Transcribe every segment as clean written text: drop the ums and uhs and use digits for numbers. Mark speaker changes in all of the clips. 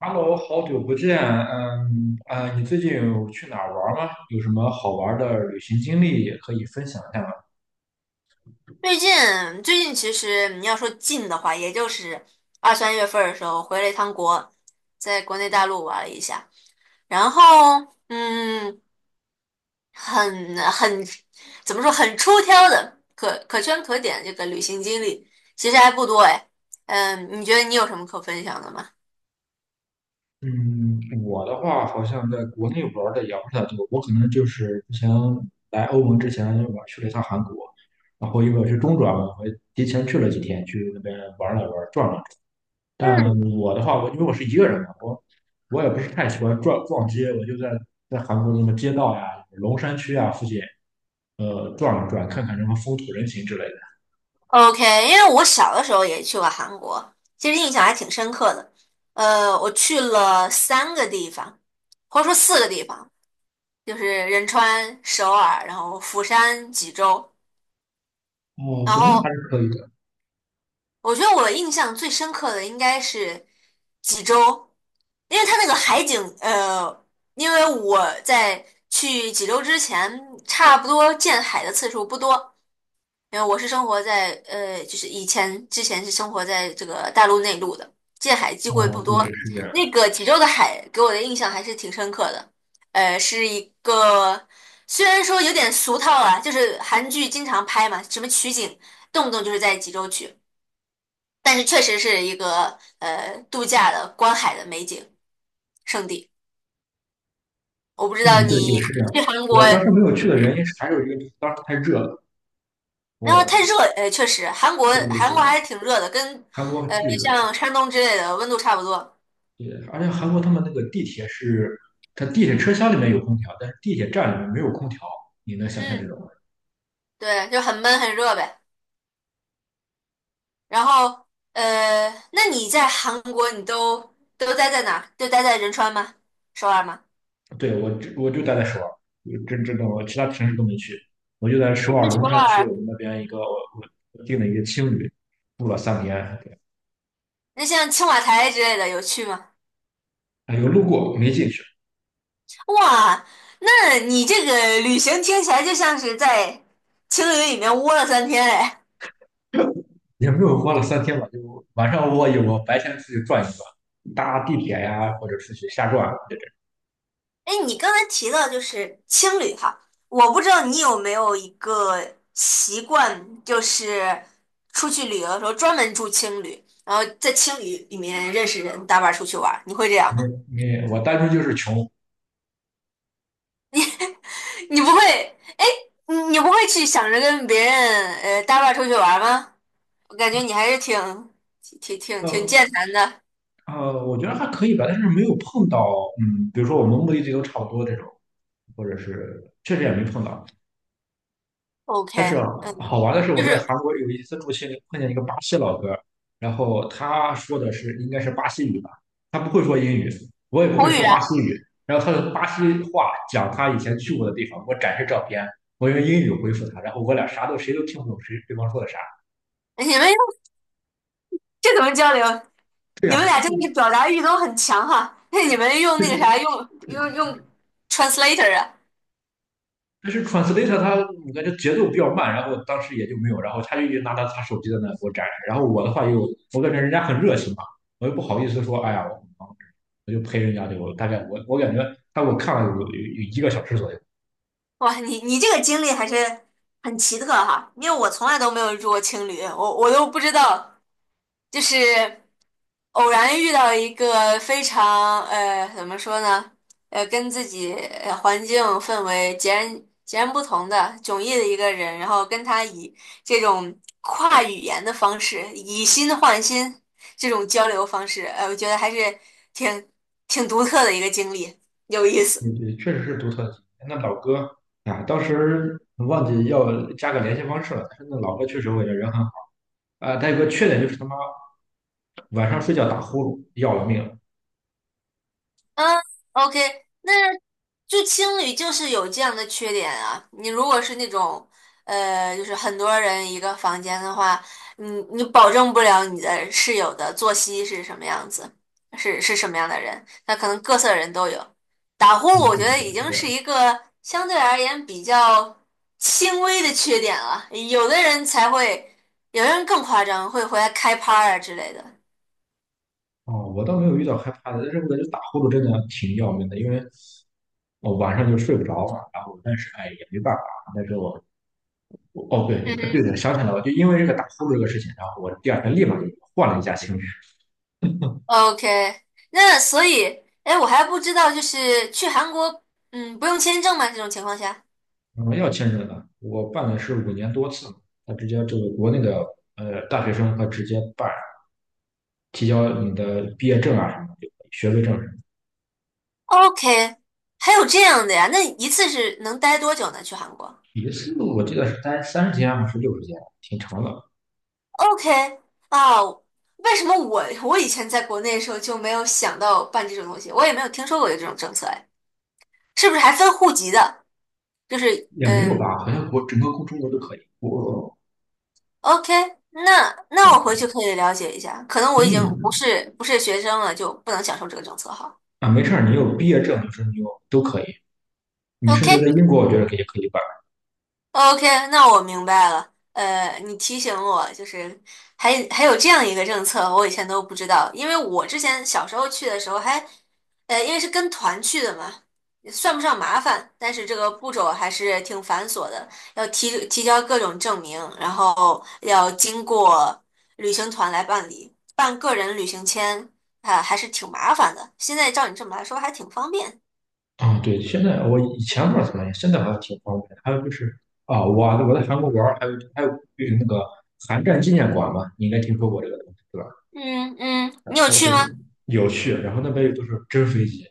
Speaker 1: Hello，好久不见，嗯啊，你最近有去哪儿玩儿吗？有什么好玩儿的旅行经历也可以分享一下吗？
Speaker 2: 最近最近其实你要说近的话，也就是二三月份儿的时候回了一趟国，在国内大陆玩了一下，然后很怎么说很出挑的可圈可点的这个旅行经历，其实还不多哎。你觉得你有什么可分享的吗
Speaker 1: 嗯，我的话好像在国内玩的也不是太多，我可能就是之前来欧盟之前，我去了一趟韩国。然后因为我是中转嘛，我提前去了几天，去那边玩了玩转了。但我的话，我因为我是一个人嘛，我也不是太喜欢撞撞街，我就在韩国的什么街道呀、龙山区啊附近，转了转，看看什么风土人情之类的。
Speaker 2: ？OK，因为我小的时候也去过韩国，其实印象还挺深刻的。我去了三个地方，或者说四个地方。就是仁川、首尔，然后釜山、济州，
Speaker 1: 哦，
Speaker 2: 然
Speaker 1: 对，那还
Speaker 2: 后
Speaker 1: 是可以的。
Speaker 2: 我觉得我印象最深刻的应该是济州，因为它那个海景，因为我在去济州之前，差不多见海的次数不多，因为我是生活在就是以前之前是生活在这个大陆内陆的，见海机会不
Speaker 1: 哦，对，
Speaker 2: 多。
Speaker 1: 是这样。
Speaker 2: 那个济州的海给我的印象还是挺深刻的，是一个虽然说有点俗套啊，就是韩剧经常拍嘛，什么取景动不动就是在济州取，但是确实是一个度假的观海的美景圣地。我不 知道
Speaker 1: 嗯，对
Speaker 2: 你
Speaker 1: 对，是这样 的。
Speaker 2: 去韩国。
Speaker 1: 我当时没有去的原因是，还有一个就是当时太热了。
Speaker 2: 然
Speaker 1: 我，
Speaker 2: 后太热，确实，韩国
Speaker 1: 对对
Speaker 2: 韩国
Speaker 1: 对，
Speaker 2: 还是挺热的，跟
Speaker 1: 韩国巨热。
Speaker 2: 像山东之类的温度差不多。
Speaker 1: 对，而且韩国他们那个地铁是，它地铁车厢里面有空调，但是地铁站里面没有空调，你能想象这
Speaker 2: 嗯，
Speaker 1: 种？
Speaker 2: 对，就很闷很热呗。然后那你在韩国你都待在哪儿？就待在仁川吗？首尔吗？
Speaker 1: 对，我就待在首尔，我真的我其他城市都没去，我就在首
Speaker 2: 是
Speaker 1: 尔
Speaker 2: 首
Speaker 1: 龙山区我
Speaker 2: 尔。
Speaker 1: 们那边一个我订了一个青旅，住了3天。对，
Speaker 2: 那像青瓦台之类的有去吗？
Speaker 1: 哎，有路过没进去。
Speaker 2: 哇，那你这个旅行听起来就像是在青旅里面窝了3天嘞。
Speaker 1: 也没有花了3天吧，就晚上，我有我白天出去转一转，搭地铁呀或者出去瞎转。对对，
Speaker 2: 哎，你刚才提到就是青旅哈，我不知道你有没有一个习惯，就是出去旅游的时候专门住青旅，然后在青旅里面认识人，搭伴儿出去玩儿，你会这样
Speaker 1: 没
Speaker 2: 吗？
Speaker 1: 没我单纯就是穷。
Speaker 2: 你不会，你不会去想着跟别人搭伴儿出去玩儿吗？我感觉你还是挺
Speaker 1: 呃
Speaker 2: 健谈的。
Speaker 1: 我觉得还可以吧，但是没有碰到。嗯，比如说我们目的地都差不多这种，或者是确实也没碰到。
Speaker 2: OK，
Speaker 1: 但是好玩的是，
Speaker 2: 就
Speaker 1: 我在
Speaker 2: 是
Speaker 1: 韩国有一次住青旅碰见一个巴西老哥，然后他说的是应该是巴西语吧，他不会说英语，我也不
Speaker 2: 口
Speaker 1: 会
Speaker 2: 语
Speaker 1: 说巴
Speaker 2: 啊，
Speaker 1: 西语。然后他的巴西话讲他以前去过的地方，我展示照片，我用英语回复他，然后我俩啥都，谁都听不懂谁对方说的啥。
Speaker 2: 你们这怎么交流？
Speaker 1: 对
Speaker 2: 你们
Speaker 1: 呀。
Speaker 2: 俩真的是表达欲都很强哈。那你们用那个啥，用 translator 啊？
Speaker 1: 但是 translator 他，我感觉节奏比较慢，然后当时也就没有，然后他就一直拿着他手机在那给我展示。然后我的话又，我感觉人家很热情嘛，我又不好意思说，哎呀，我就陪人家。就大概我感觉他给我看了有1个小时左右。
Speaker 2: 哇，你这个经历还是很奇特哈，因为我从来都没有住过青旅，我都不知道，就是。偶然遇到一个非常怎么说呢，跟自己环境氛围截然不同的迥异的一个人，然后跟他以这种跨语言的方式以心换心这种交流方式，我觉得还是挺挺独特的一个经历，有意思。
Speaker 1: 嗯，对，确实是独特的经历。那老哥啊，当时忘记要加个联系方式了，但是那老哥确实我觉得人很好啊。他有个缺点就是他妈晚上睡觉打呼噜，要了命了。
Speaker 2: 嗯，OK，那就青旅就是有这样的缺点啊。你如果是那种，就是很多人一个房间的话，你保证不了你的室友的作息是什么样子，是什么样的人，那可能各色人都有。打呼噜，
Speaker 1: 嗯，
Speaker 2: 我
Speaker 1: 对
Speaker 2: 觉得
Speaker 1: 对，
Speaker 2: 已
Speaker 1: 是
Speaker 2: 经
Speaker 1: 这
Speaker 2: 是
Speaker 1: 样。
Speaker 2: 一个相对而言比较轻微的缺点了，有的人才会，有的人更夸张，会回来开趴啊之类的。
Speaker 1: 哦，我倒没有遇到害怕的，但是我感觉打呼噜真的挺要命的，因为我晚上就睡不着嘛。然后，但是哎，也没办法。但是我，我哦，对，对
Speaker 2: 嗯。
Speaker 1: 的，想起来了，就因为这个打呼噜这个事情，然后我第二天立马就换了一家签证。
Speaker 2: OK，那所以，哎，我还不知道，就是去韩国，不用签证吗？这种情况下
Speaker 1: 嗯，要签证的，我办的是5年多次嘛。他直接这个国内的大学生，他直接办，提交你的毕业证啊什么的，学位证什么的。
Speaker 2: ，OK，还有这样的呀？那一次是能待多久呢？去韩国
Speaker 1: 一次我记得是三十天还是60天，挺长的。
Speaker 2: ？OK，啊，为什么我以前在国内的时候就没有想到办这种东西？我也没有听说过有这种政策，哎，是不是还分户籍的？就是，
Speaker 1: 也没有吧，好像整个中国都可以。我。
Speaker 2: OK，那我回去可以了解一下，可能
Speaker 1: 给
Speaker 2: 我已经
Speaker 1: 你
Speaker 2: 不是学生了，就不能享受这个政策哈。
Speaker 1: 啊，没事儿，你有毕业证，就是你有都可以。你甚至在
Speaker 2: OK，
Speaker 1: 英国，我觉得可以办
Speaker 2: OK，那我明白了。你提醒我，就是还有这样一个政策，我以前都不知道。因为我之前小时候去的时候还，因为是跟团去的嘛，算不上麻烦，但是这个步骤还是挺繁琐的，要提交各种证明，然后要经过旅行团来办理，办个人旅行签，啊，还是挺麻烦的。现在照你这么来说，还挺方便。
Speaker 1: 啊。对，现在，我以前不知道怎么样，现在好像挺方便的。还有就是啊，我我在韩国玩儿，还有就是那个韩战纪念馆嘛，你应该听说过这个东西，对吧？
Speaker 2: 嗯嗯，
Speaker 1: 然
Speaker 2: 你有
Speaker 1: 后
Speaker 2: 去
Speaker 1: 对，
Speaker 2: 吗？
Speaker 1: 有趣。然后那边又都是真飞机、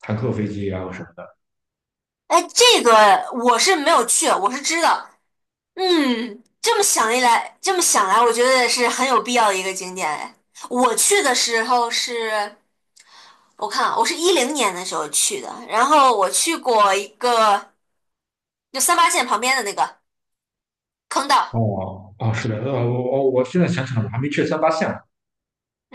Speaker 1: 坦克飞机啊什么的。
Speaker 2: 哎，这个我是没有去，我是知道。这么想来，我觉得是很有必要的一个景点。哎，我去的时候是，我看啊，我是2010年的时候去的，然后我去过一个，就三八线旁边的那个坑道。
Speaker 1: 哦哦，是的。呃，我现在想起来，我还没去三八线呢。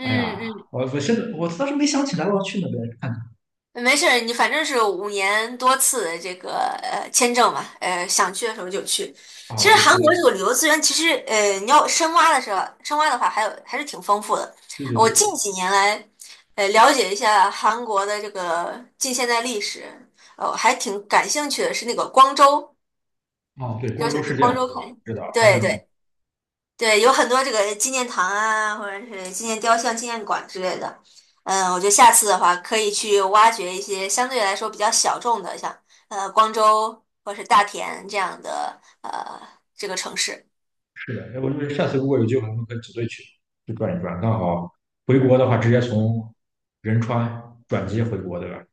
Speaker 1: 哎呀，
Speaker 2: 嗯，
Speaker 1: 我我现在我当时没想起来我要去那边看看。
Speaker 2: 没事儿，你反正是5年多次的这个签证嘛，想去的时候就去。
Speaker 1: 啊，
Speaker 2: 其实
Speaker 1: 对，还
Speaker 2: 韩国这个
Speaker 1: 有
Speaker 2: 旅游资源，其实你要深挖的时候，深挖的话还有还是挺丰富的。
Speaker 1: 对对
Speaker 2: 我近
Speaker 1: 对。
Speaker 2: 几年来，了解一下韩国的这个近现代历史，我还挺感兴趣的是那个光州，
Speaker 1: 哦，对，
Speaker 2: 就
Speaker 1: 光州
Speaker 2: 想去
Speaker 1: 事件，
Speaker 2: 光州
Speaker 1: 对，
Speaker 2: 看。
Speaker 1: 知道他
Speaker 2: 对
Speaker 1: 们
Speaker 2: 对，对，有很多这个纪念堂啊，或者是纪念雕像、纪念馆之类的。我觉得下次的话可以去挖掘一些相对来说比较小众的，像光州或是大田这样的这个城市。
Speaker 1: 是的。要不就是下次如果有机会，我们可以组队去转一转，刚好回国的话，直接从仁川转机回国，对吧？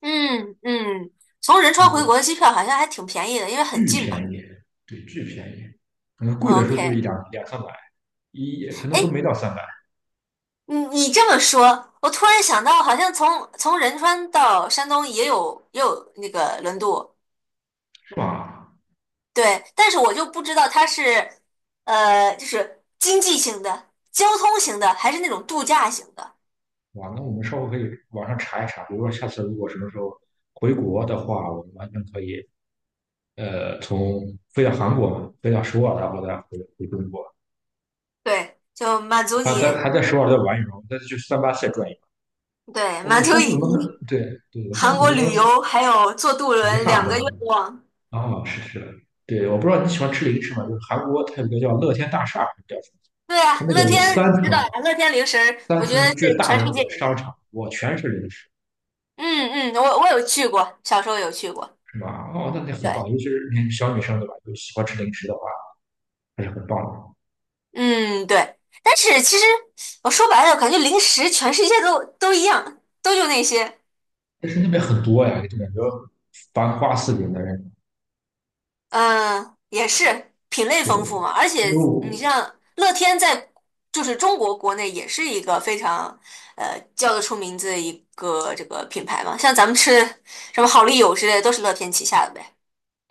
Speaker 2: 嗯嗯，从仁川
Speaker 1: 嗯，
Speaker 2: 回国
Speaker 1: 对，
Speaker 2: 的机票好像还挺便宜的，因为很
Speaker 1: 巨
Speaker 2: 近嘛。
Speaker 1: 便宜。对，巨便宜，可能贵的时候就是一
Speaker 2: OK，
Speaker 1: 两两三百，可能都
Speaker 2: 哎，
Speaker 1: 没到三百，
Speaker 2: 你这么说，我突然想到，好像从仁川到山东也有那个轮渡，
Speaker 1: 是吧？
Speaker 2: 对，但是我就不知道它是，就是经济型的、交通型的，还是那种度假型的。
Speaker 1: 哇，那我们稍后可以网上查一查，比如说下次如果什么时候回国的话，我们完全可以，呃，飞到韩国嘛，飞到首尔啊，然后再回中国。
Speaker 2: 对，就满足
Speaker 1: 他在
Speaker 2: 你，
Speaker 1: 还在首尔在玩羽毛，再去三八线转一转。
Speaker 2: 对，满
Speaker 1: 我
Speaker 2: 足
Speaker 1: 上次怎么能
Speaker 2: 你
Speaker 1: 对对，我上
Speaker 2: 韩
Speaker 1: 次怎
Speaker 2: 国
Speaker 1: 么能
Speaker 2: 旅游还有坐渡
Speaker 1: 遗
Speaker 2: 轮
Speaker 1: 憾
Speaker 2: 两
Speaker 1: 的
Speaker 2: 个愿望。
Speaker 1: 啊？是的，对。我不知道你喜欢吃零食吗？就是韩国它有一个叫乐天大厦，还是叫什么？
Speaker 2: 对
Speaker 1: 它
Speaker 2: 啊，
Speaker 1: 那
Speaker 2: 乐
Speaker 1: 个有三
Speaker 2: 天知
Speaker 1: 层
Speaker 2: 道
Speaker 1: 啊，
Speaker 2: 呀，乐天零食儿
Speaker 1: 三
Speaker 2: 我觉得
Speaker 1: 层
Speaker 2: 是
Speaker 1: 巨大
Speaker 2: 全
Speaker 1: 的
Speaker 2: 世
Speaker 1: 那
Speaker 2: 界
Speaker 1: 个
Speaker 2: 有
Speaker 1: 商
Speaker 2: 名。
Speaker 1: 场，哇，全是零食，
Speaker 2: 嗯嗯，我有去过，小时候有去过。
Speaker 1: 是吧？哦，那那很
Speaker 2: 对，
Speaker 1: 棒，尤其是你小女生对吧？就喜欢吃零食的话，还是很棒的。
Speaker 2: 嗯对，但是其实我说白了，感觉零食全世界都一样，都就那些。
Speaker 1: 但是那边很多呀，就感觉繁花似锦的人。
Speaker 2: 嗯，也是品类
Speaker 1: 对，
Speaker 2: 丰富嘛，而
Speaker 1: 因
Speaker 2: 且
Speaker 1: 为我，
Speaker 2: 你像乐天在就是中国国内也是一个非常叫得出名字的一个这个品牌嘛，像咱们吃什么好丽友之类的都是乐天旗下的呗。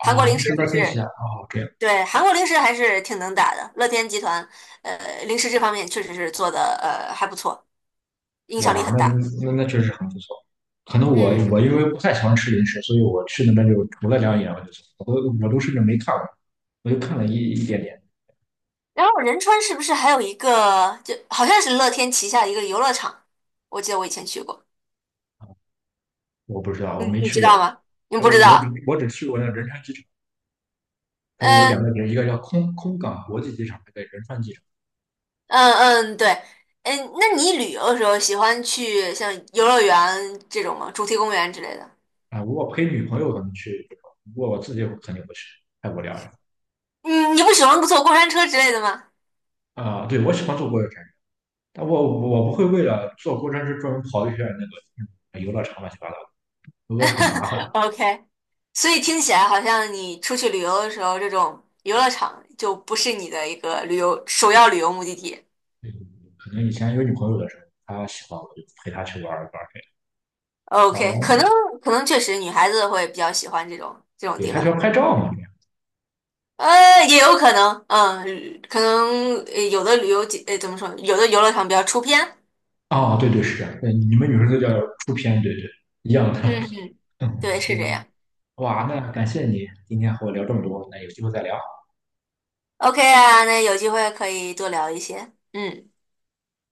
Speaker 2: 韩国零
Speaker 1: 你
Speaker 2: 食
Speaker 1: 是乐
Speaker 2: 还
Speaker 1: 天旗下
Speaker 2: 是
Speaker 1: 啊，对。
Speaker 2: 对韩国零食还是挺能打的，乐天集团零食这方面确实是做的还不错，影响力
Speaker 1: 哇，
Speaker 2: 很
Speaker 1: 那
Speaker 2: 大。
Speaker 1: 那那确实很不错。可能我，
Speaker 2: 嗯
Speaker 1: 我
Speaker 2: 嗯，
Speaker 1: 因为不太喜欢吃零食，所以我去那边就除了两眼我就走，我都我都甚至没看过，我就看了一点点。
Speaker 2: 然后仁川是不是还有一个就好像是乐天旗下的一个游乐场？我记得我以前去过。
Speaker 1: 我不知道，
Speaker 2: 你
Speaker 1: 我没
Speaker 2: 你
Speaker 1: 去
Speaker 2: 知
Speaker 1: 过
Speaker 2: 道
Speaker 1: 人。
Speaker 2: 吗？你
Speaker 1: 川，然
Speaker 2: 不知
Speaker 1: 后我只
Speaker 2: 道？
Speaker 1: 我只去过那仁川机场，它不是有两
Speaker 2: 嗯
Speaker 1: 个点，一个叫空港国际机场，一个仁川机场。
Speaker 2: 嗯嗯，对，那你旅游的时候喜欢去像游乐园这种吗？主题公园之类的？
Speaker 1: 啊，如果陪女朋友可能去这种，不过我自己我肯定不去，太无聊了。
Speaker 2: 嗯，你不喜欢坐过山车之类的吗
Speaker 1: 啊，对，我喜欢坐过山车，但我我不会为了坐过山车专门跑一圈那个游乐场乱七八糟的，因为很麻 烦。
Speaker 2: ？OK，所以听起来好像你出去旅游的时候，这种游乐场就不是你的一个旅游首要旅游目的地。
Speaker 1: 嗯，可能以前有女朋友的时候，她喜欢我就陪她去玩儿玩儿这样。
Speaker 2: OK，
Speaker 1: 哦，
Speaker 2: 可能确实女孩子会比较喜欢这种
Speaker 1: 对，
Speaker 2: 地
Speaker 1: 她喜
Speaker 2: 方，
Speaker 1: 欢拍照嘛这样。
Speaker 2: 也有可能，可能有的旅游景，怎么说，有的游乐场比较出片。
Speaker 1: 哦，对对是这样。对，你们女生都叫出片，对对，一样的。
Speaker 2: 嗯。
Speaker 1: 嗯，
Speaker 2: 对，是这
Speaker 1: 行。
Speaker 2: 样。
Speaker 1: 哇，那感谢你今天和我聊这么多，那有机会再聊。
Speaker 2: OK 啊，那有机会可以多聊一些。嗯。